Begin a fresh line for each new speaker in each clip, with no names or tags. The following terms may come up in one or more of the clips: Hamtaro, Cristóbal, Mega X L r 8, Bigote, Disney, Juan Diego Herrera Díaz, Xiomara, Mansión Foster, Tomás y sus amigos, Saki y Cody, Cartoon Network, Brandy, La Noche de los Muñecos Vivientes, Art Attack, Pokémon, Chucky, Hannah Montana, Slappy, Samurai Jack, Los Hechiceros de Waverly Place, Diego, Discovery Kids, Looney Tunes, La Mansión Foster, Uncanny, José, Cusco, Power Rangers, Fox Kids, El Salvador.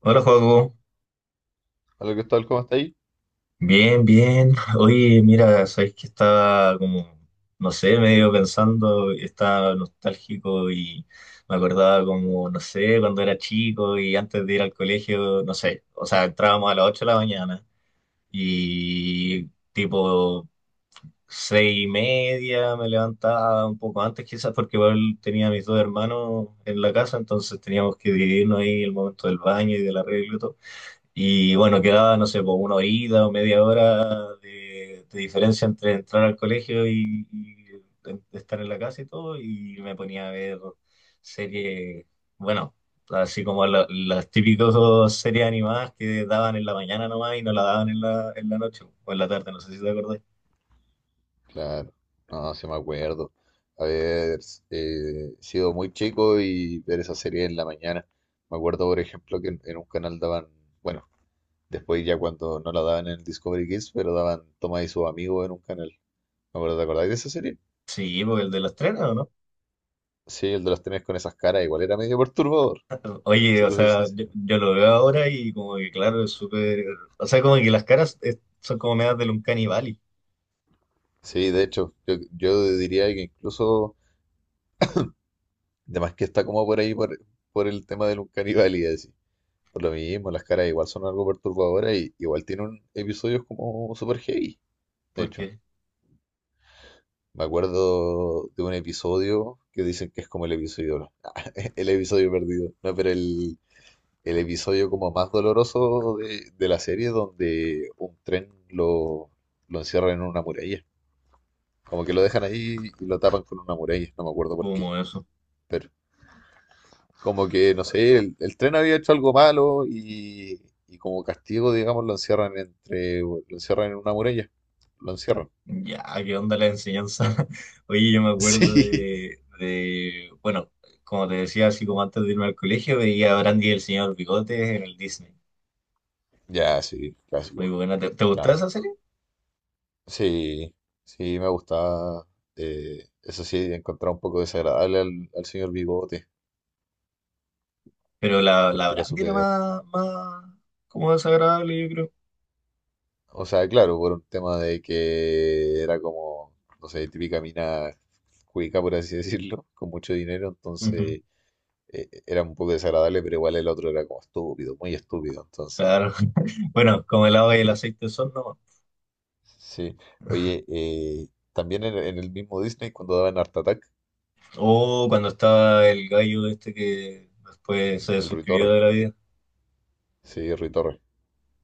Hola, Joaco.
Hola Cristóbal, ¿cómo está ahí?
Bien, bien. Oye, mira, sabéis que estaba no sé, medio pensando, estaba nostálgico y me acordaba no sé, cuando era chico y antes de ir al colegio, no sé, o sea, entrábamos a las 8 de la mañana y tipo 6:30. Me levantaba un poco antes quizás porque igual tenía a mis dos hermanos en la casa, entonces teníamos que dividirnos ahí el momento del baño y del arreglo y todo. Y bueno, quedaba, no sé, por una horita o media hora de diferencia entre entrar al colegio y estar en la casa y todo, y me ponía a ver series. Bueno, así como las típicas series animadas que daban en la mañana nomás y no la daban en la noche o en la tarde, no sé si te acordás.
Claro, no, sí me acuerdo. Haber sido muy chico y ver esa serie en la mañana. Me acuerdo, por ejemplo, que en un canal daban, bueno, después ya cuando no la daban en el Discovery Kids, pero daban Tomás y sus amigos en un canal. Me acuerdo, ¿te acordáis de esa serie?
Sí, porque el de los trenes, ¿o no?
Sí, el de los trenes con esas caras igual era medio perturbador,
Oye,
si
o
te soy
sea, yo,
sincero.
yo lo veo ahora y como que claro, es súper. O sea, como que las caras son como medias del Uncanny Valley,
Sí, de hecho, yo diría que incluso, además que está como por ahí por el tema del Uncanny y así. Por lo mismo, las caras igual son algo perturbadoras y igual tienen episodios como super heavy. De hecho,
porque
me acuerdo de un episodio que dicen que es como el episodio, el episodio perdido, no, pero el episodio como más doloroso de la serie donde un tren lo encierra en una muralla. Como que lo dejan ahí y lo tapan con una muralla, no me acuerdo por qué.
como eso.
Pero como que no sé, el tren había hecho algo malo y como castigo, digamos, lo encierran lo encierran en una muralla. Lo encierran.
Ya, ¿qué onda la enseñanza? Oye, yo me acuerdo
Sí,
bueno, como te decía, así como antes de irme al colegio, veía a Brandy y el señor Bigotes en el Disney.
ya, sí,
Muy
clásico,
buena. ¿Te gustaba esa
clásico.
serie?
Sí, sí, me gustaba. Eso sí, encontraba un poco desagradable al señor Bigote,
Pero la
porque era
Brandy era
súper.
más como desagradable, yo creo.
O sea, claro, por un tema de que era como, no sé, típica mina cuica, por así decirlo, con mucho dinero,
Ujú.
entonces era un poco desagradable, pero igual el otro era como estúpido, muy estúpido. Entonces,
Claro. Bueno, como el agua y el
sí,
aceite son nomás.
sí. Oye, también en el mismo Disney, cuando daban Art Attack,
O cuando estaba el gallo este que después
mm,
se
el Rui
suscribió
Torres.
de la vida.
Sí, Rui Torres.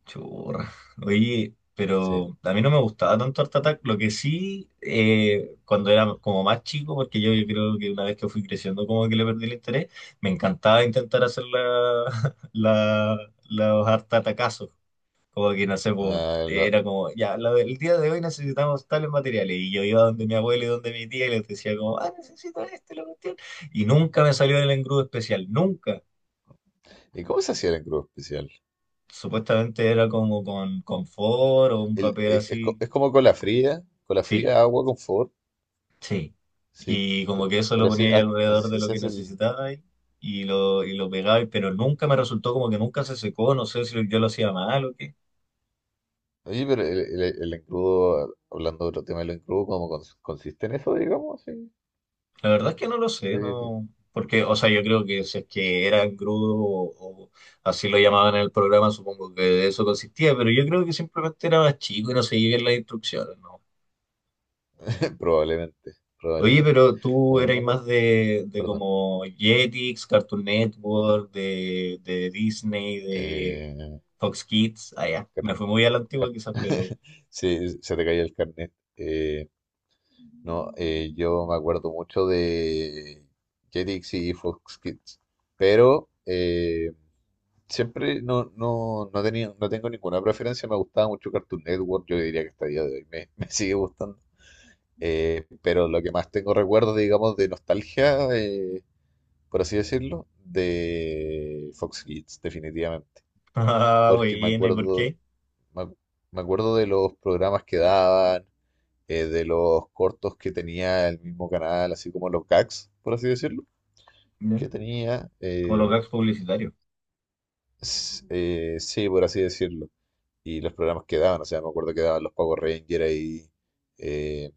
Churra. Oye,
Sí.
pero a mí no me gustaba tanto Art Attack. Lo que sí, cuando era como más chico, porque yo creo que una vez que fui creciendo, como que le perdí el interés, me encantaba intentar hacer la, los Art Attackazos. Como que no sé, po,
Ah, lo-
era como, ya, lo el día de hoy necesitamos tales materiales. Y yo iba donde mi abuelo y donde mi tía y les decía, como, ah, necesito este, lo cuestión. Y nunca me salió el engrudo especial, nunca.
¿Y cómo se hacía el engrudo especial?
Supuestamente era como con confort o un
El,
papel
es co-
así.
Es como cola
Sí,
fría, agua, confort.
sí.
Sí,
Y como que eso lo
pero así,
ponía ahí
así
alrededor de
sí
lo
se
que
hace el.
necesitaba y y lo pegaba, pero nunca me resultó, como que nunca se secó, no sé si yo lo hacía mal o qué.
Oye, pero el engrudo, hablando de otro tema del engrudo, ¿cómo consiste en eso, digamos? Sí.
La verdad es que no lo sé,
Sí,
no. Porque, o sea, yo creo que si es que era engrudo o así lo llamaban en el programa, supongo que de eso consistía, pero yo creo que simplemente era más chico y no seguía bien las instrucciones, ¿no?
probablemente,
Oye,
probablemente.
pero tú
También me
erais más
acuerdo,
de
perdón.
como Jetix, Cartoon Network, de Disney, de
eh,
Fox Kids. Ah, ya.
car-
Me fui muy a la antigua
car-
quizás, pero...
se te caía el carnet. No, Yo me acuerdo mucho de Jetix y Fox Kids, pero siempre no tenía, no tengo ninguna preferencia. Me gustaba mucho Cartoon Network, yo diría que hasta el día de hoy me, me sigue gustando. Pero lo que más tengo recuerdo, digamos, de nostalgia, por así decirlo, de Fox Kids, definitivamente.
Ah,
Porque me
buena, ¿y por
acuerdo,
qué?
Me, ac- me acuerdo de los programas que daban, de los cortos que tenía el mismo canal, así como los gags, por así decirlo,
Ya.
que tenía,
Como los gags publicitarios.
sí, por así decirlo, y los programas que daban. O sea, me acuerdo que daban los Power Rangers ahí, eh,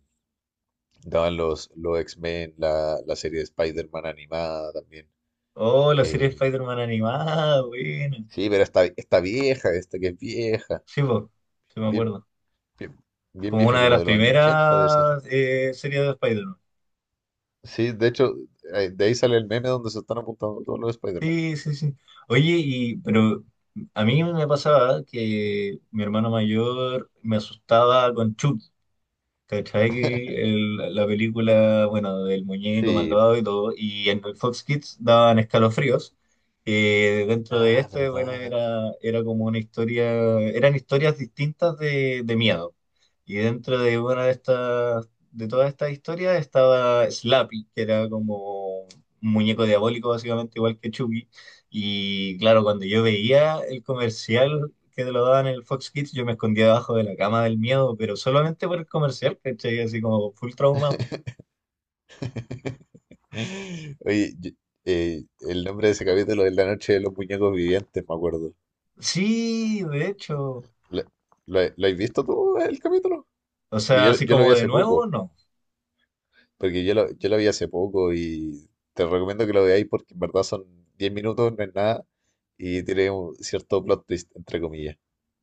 daban los X-Men, la serie de Spider-Man animada también.
Oh, la serie de
eh,
Spider-Man animada, buena.
sí, pero esta vieja, esta que es vieja,
Sí, po, sí me
bien,
acuerdo.
bien, bien
Como
vieja
una de
como
las
de los años 80 debe ser.
primeras series de Spider-Man.
Sí, de hecho, de ahí sale el meme donde se están apuntando todos los Spider-Man.
Sí, sí, sí. Oye, y, pero a mí me pasaba que mi hermano mayor me asustaba con Chucky. ¿Cachai? Que la película, bueno, del muñeco
Sí,
malvado y todo, y en el Fox Kids daban escalofríos. Dentro de
ah,
este, bueno,
verdad.
era como una historia, eran historias distintas de miedo. Y dentro de una de estas, de todas estas historias estaba Slappy, que era como un muñeco diabólico, básicamente igual que Chucky. Y claro, cuando yo veía el comercial, que te lo daban en el Fox Kids, yo me escondía debajo de la cama del miedo, pero solamente por el comercial, ¿cachai? Así como full traumado.
Oye, yo- el nombre de ese capítulo es La Noche de los Muñecos Vivientes, me acuerdo.
Sí, de hecho.
¿Lo, lo has visto tú el capítulo?
O
Porque
sea,
Yo,
así
yo lo vi
como de
hace
nuevo,
poco,
no.
porque yo lo vi hace poco y te recomiendo que lo veáis porque en verdad son 10 minutos, no es nada, y tiene un cierto plot twist, entre comillas.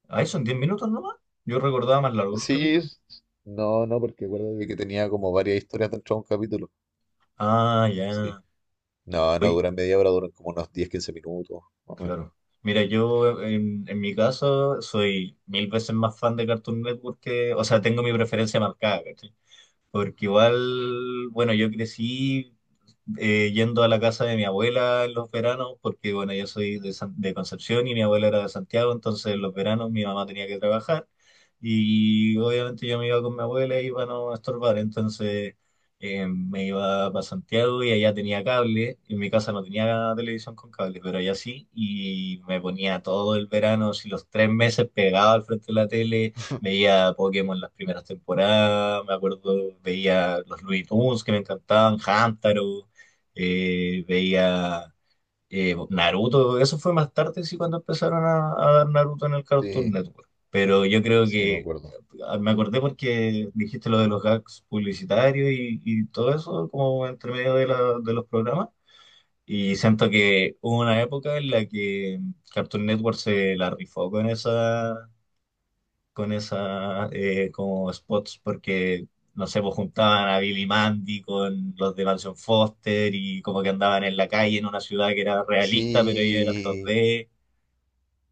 Ahí son 10 minutos nomás. Yo recordaba más largo los
Sí,
capítulos.
es- no, no, porque acuérdate que tenía como varias historias dentro de un capítulo.
Ah,
Sí.
ya.
No, no
Uy,
duran media hora, duran como unos 10, 15 minutos, más o menos.
claro. Mira, yo en mi caso soy mil veces más fan de Cartoon Network que... O sea, tengo mi preferencia marcada, ¿cachai? Porque igual, bueno, yo crecí yendo a la casa de mi abuela en los veranos, porque bueno, yo soy de, de Concepción y mi abuela era de Santiago, entonces en los veranos mi mamá tenía que trabajar y obviamente yo me iba con mi abuela y para no estorbar, entonces me iba para Santiago y allá tenía cable. En mi casa no tenía televisión con cable, pero allá sí, y me ponía todo el verano, si los tres meses pegado al frente de la tele. Veía Pokémon las primeras temporadas, me acuerdo, veía los Looney Tunes que me encantaban, Hamtaro, veía Naruto, eso fue más tarde, sí, cuando empezaron a dar Naruto en el Cartoon
Sí,
Network. Pero yo creo
sí, me
que
acuerdo.
ah, me acordé porque dijiste lo de los gags publicitarios y todo eso, como entre medio de, de los programas. Y siento que hubo una época en la que Cartoon Network se la rifó con esas como spots porque, no sé, pues juntaban a Billy Mandy con los de Mansión Foster y como que andaban en la calle en una ciudad que era realista, pero ellos eran
Sí,
2D.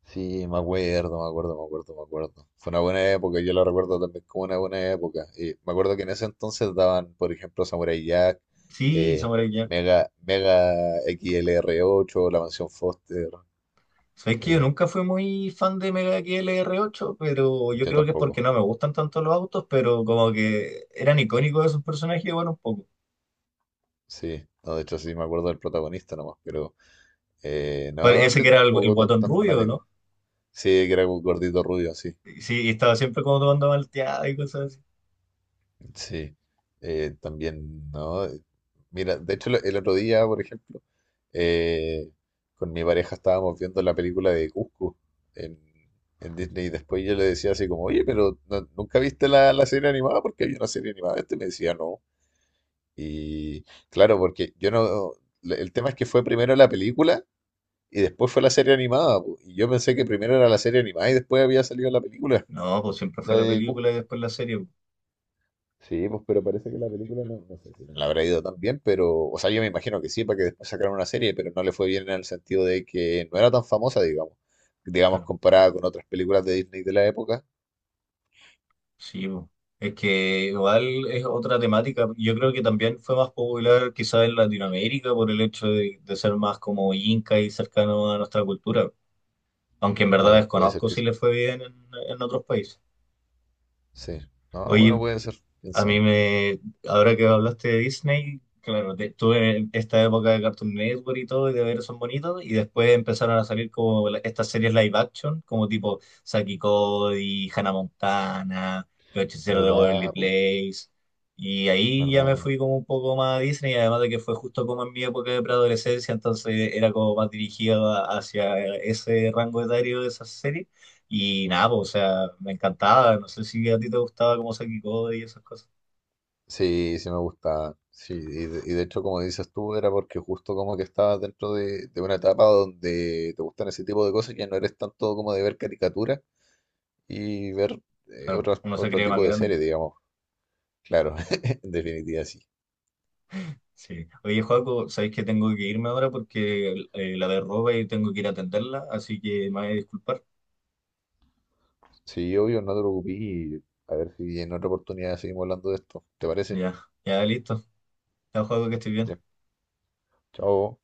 sí, me acuerdo, me acuerdo, me acuerdo, me acuerdo. Fue una buena época, yo la recuerdo también como una buena época. Y me acuerdo que en ese entonces daban, por ejemplo, Samurai Jack,
Sí,
eh,
Samurai Jack.
Mega X L R ocho, La Mansión Foster.
Sabes que yo
eh,
nunca fui muy fan de Mega X L r 8, pero yo
yo
creo que es porque
tampoco,
no me gustan tanto los autos, pero como que eran icónicos esos personajes, bueno, un poco.
sí. No, de hecho, sí me acuerdo del protagonista nomás, pero
Fue
no,
ese que
yo
era el
tampoco tan,
guatón
tan
rubio, ¿no?
fanático. Sí, que era un gordito rubio, sí.
Y sí, y estaba siempre como tomando malteada y cosas así.
Sí, también, ¿no? Mira, de hecho, el otro día, por ejemplo, eh, con mi pareja estábamos viendo la película de Cusco en, en Disney, y después yo le decía así como, oye, pero ¿nunca viste la serie animada? Porque hay una serie animada. Este me decía, no. Y claro, porque yo no... El tema es que fue primero la película y después fue la serie animada, po. Y yo pensé que primero era la serie animada y después había salido la película,
No, pues siempre
la
fue la
de Cusco.
película y después la serie, pues,
Sí, pues, pero parece que la película no, no sé si no. No le habrá ido tan bien, pero o sea, yo me imagino que sí, para que después sacaran una serie, pero no le fue bien en el sentido de que no era tan famosa, digamos, digamos,
claro.
comparada con otras películas de Disney de la época.
Sí, po. Es que igual es otra temática. Yo creo que también fue más popular quizás en Latinoamérica por el hecho de ser más como inca y cercano a nuestra cultura. Aunque en verdad
Claro, puede ser
desconozco
que
si le fue bien en otros países.
sí. No, bueno,
Oye,
puede ser, quién
a mí
sabe.
me, ahora que hablaste de Disney, claro, tuve esta época de Cartoon Network y todo, y de ver esos bonitos, y después empezaron a salir como estas series live action, como tipo Saki y Cody, Hannah Montana, Los Hechiceros de Waverly
¿Verdad, po?
Place, y ahí ya me
¿Verdad?
fui como un poco más a Disney, además de que fue justo como en mi época de preadolescencia, entonces era como más dirigido hacia ese rango etario de esas series, y nada, pues, o sea, me encantaba, no sé si a ti te gustaba como Saki y Cody y esas cosas.
Sí, sí me gustaba. Sí, y y de hecho, como dices tú, era porque justo como que estabas dentro de una etapa donde te gustan ese tipo de cosas, ya no eres tanto como de ver caricaturas y ver
Claro,
otro,
uno se
otro
cree más
tipo de
grande.
series, digamos. Claro, en definitiva sí.
Sí. Oye, Joaco, sabéis que tengo que irme ahora porque la derroba y tengo que ir a atenderla, así que me voy a disculpar.
Sí, obvio, no te preocupes, y a ver si en otra oportunidad seguimos hablando de esto. ¿Te parece?
Ya, ya, listo. Ya, Joaco, que estoy bien.
Ya, chao.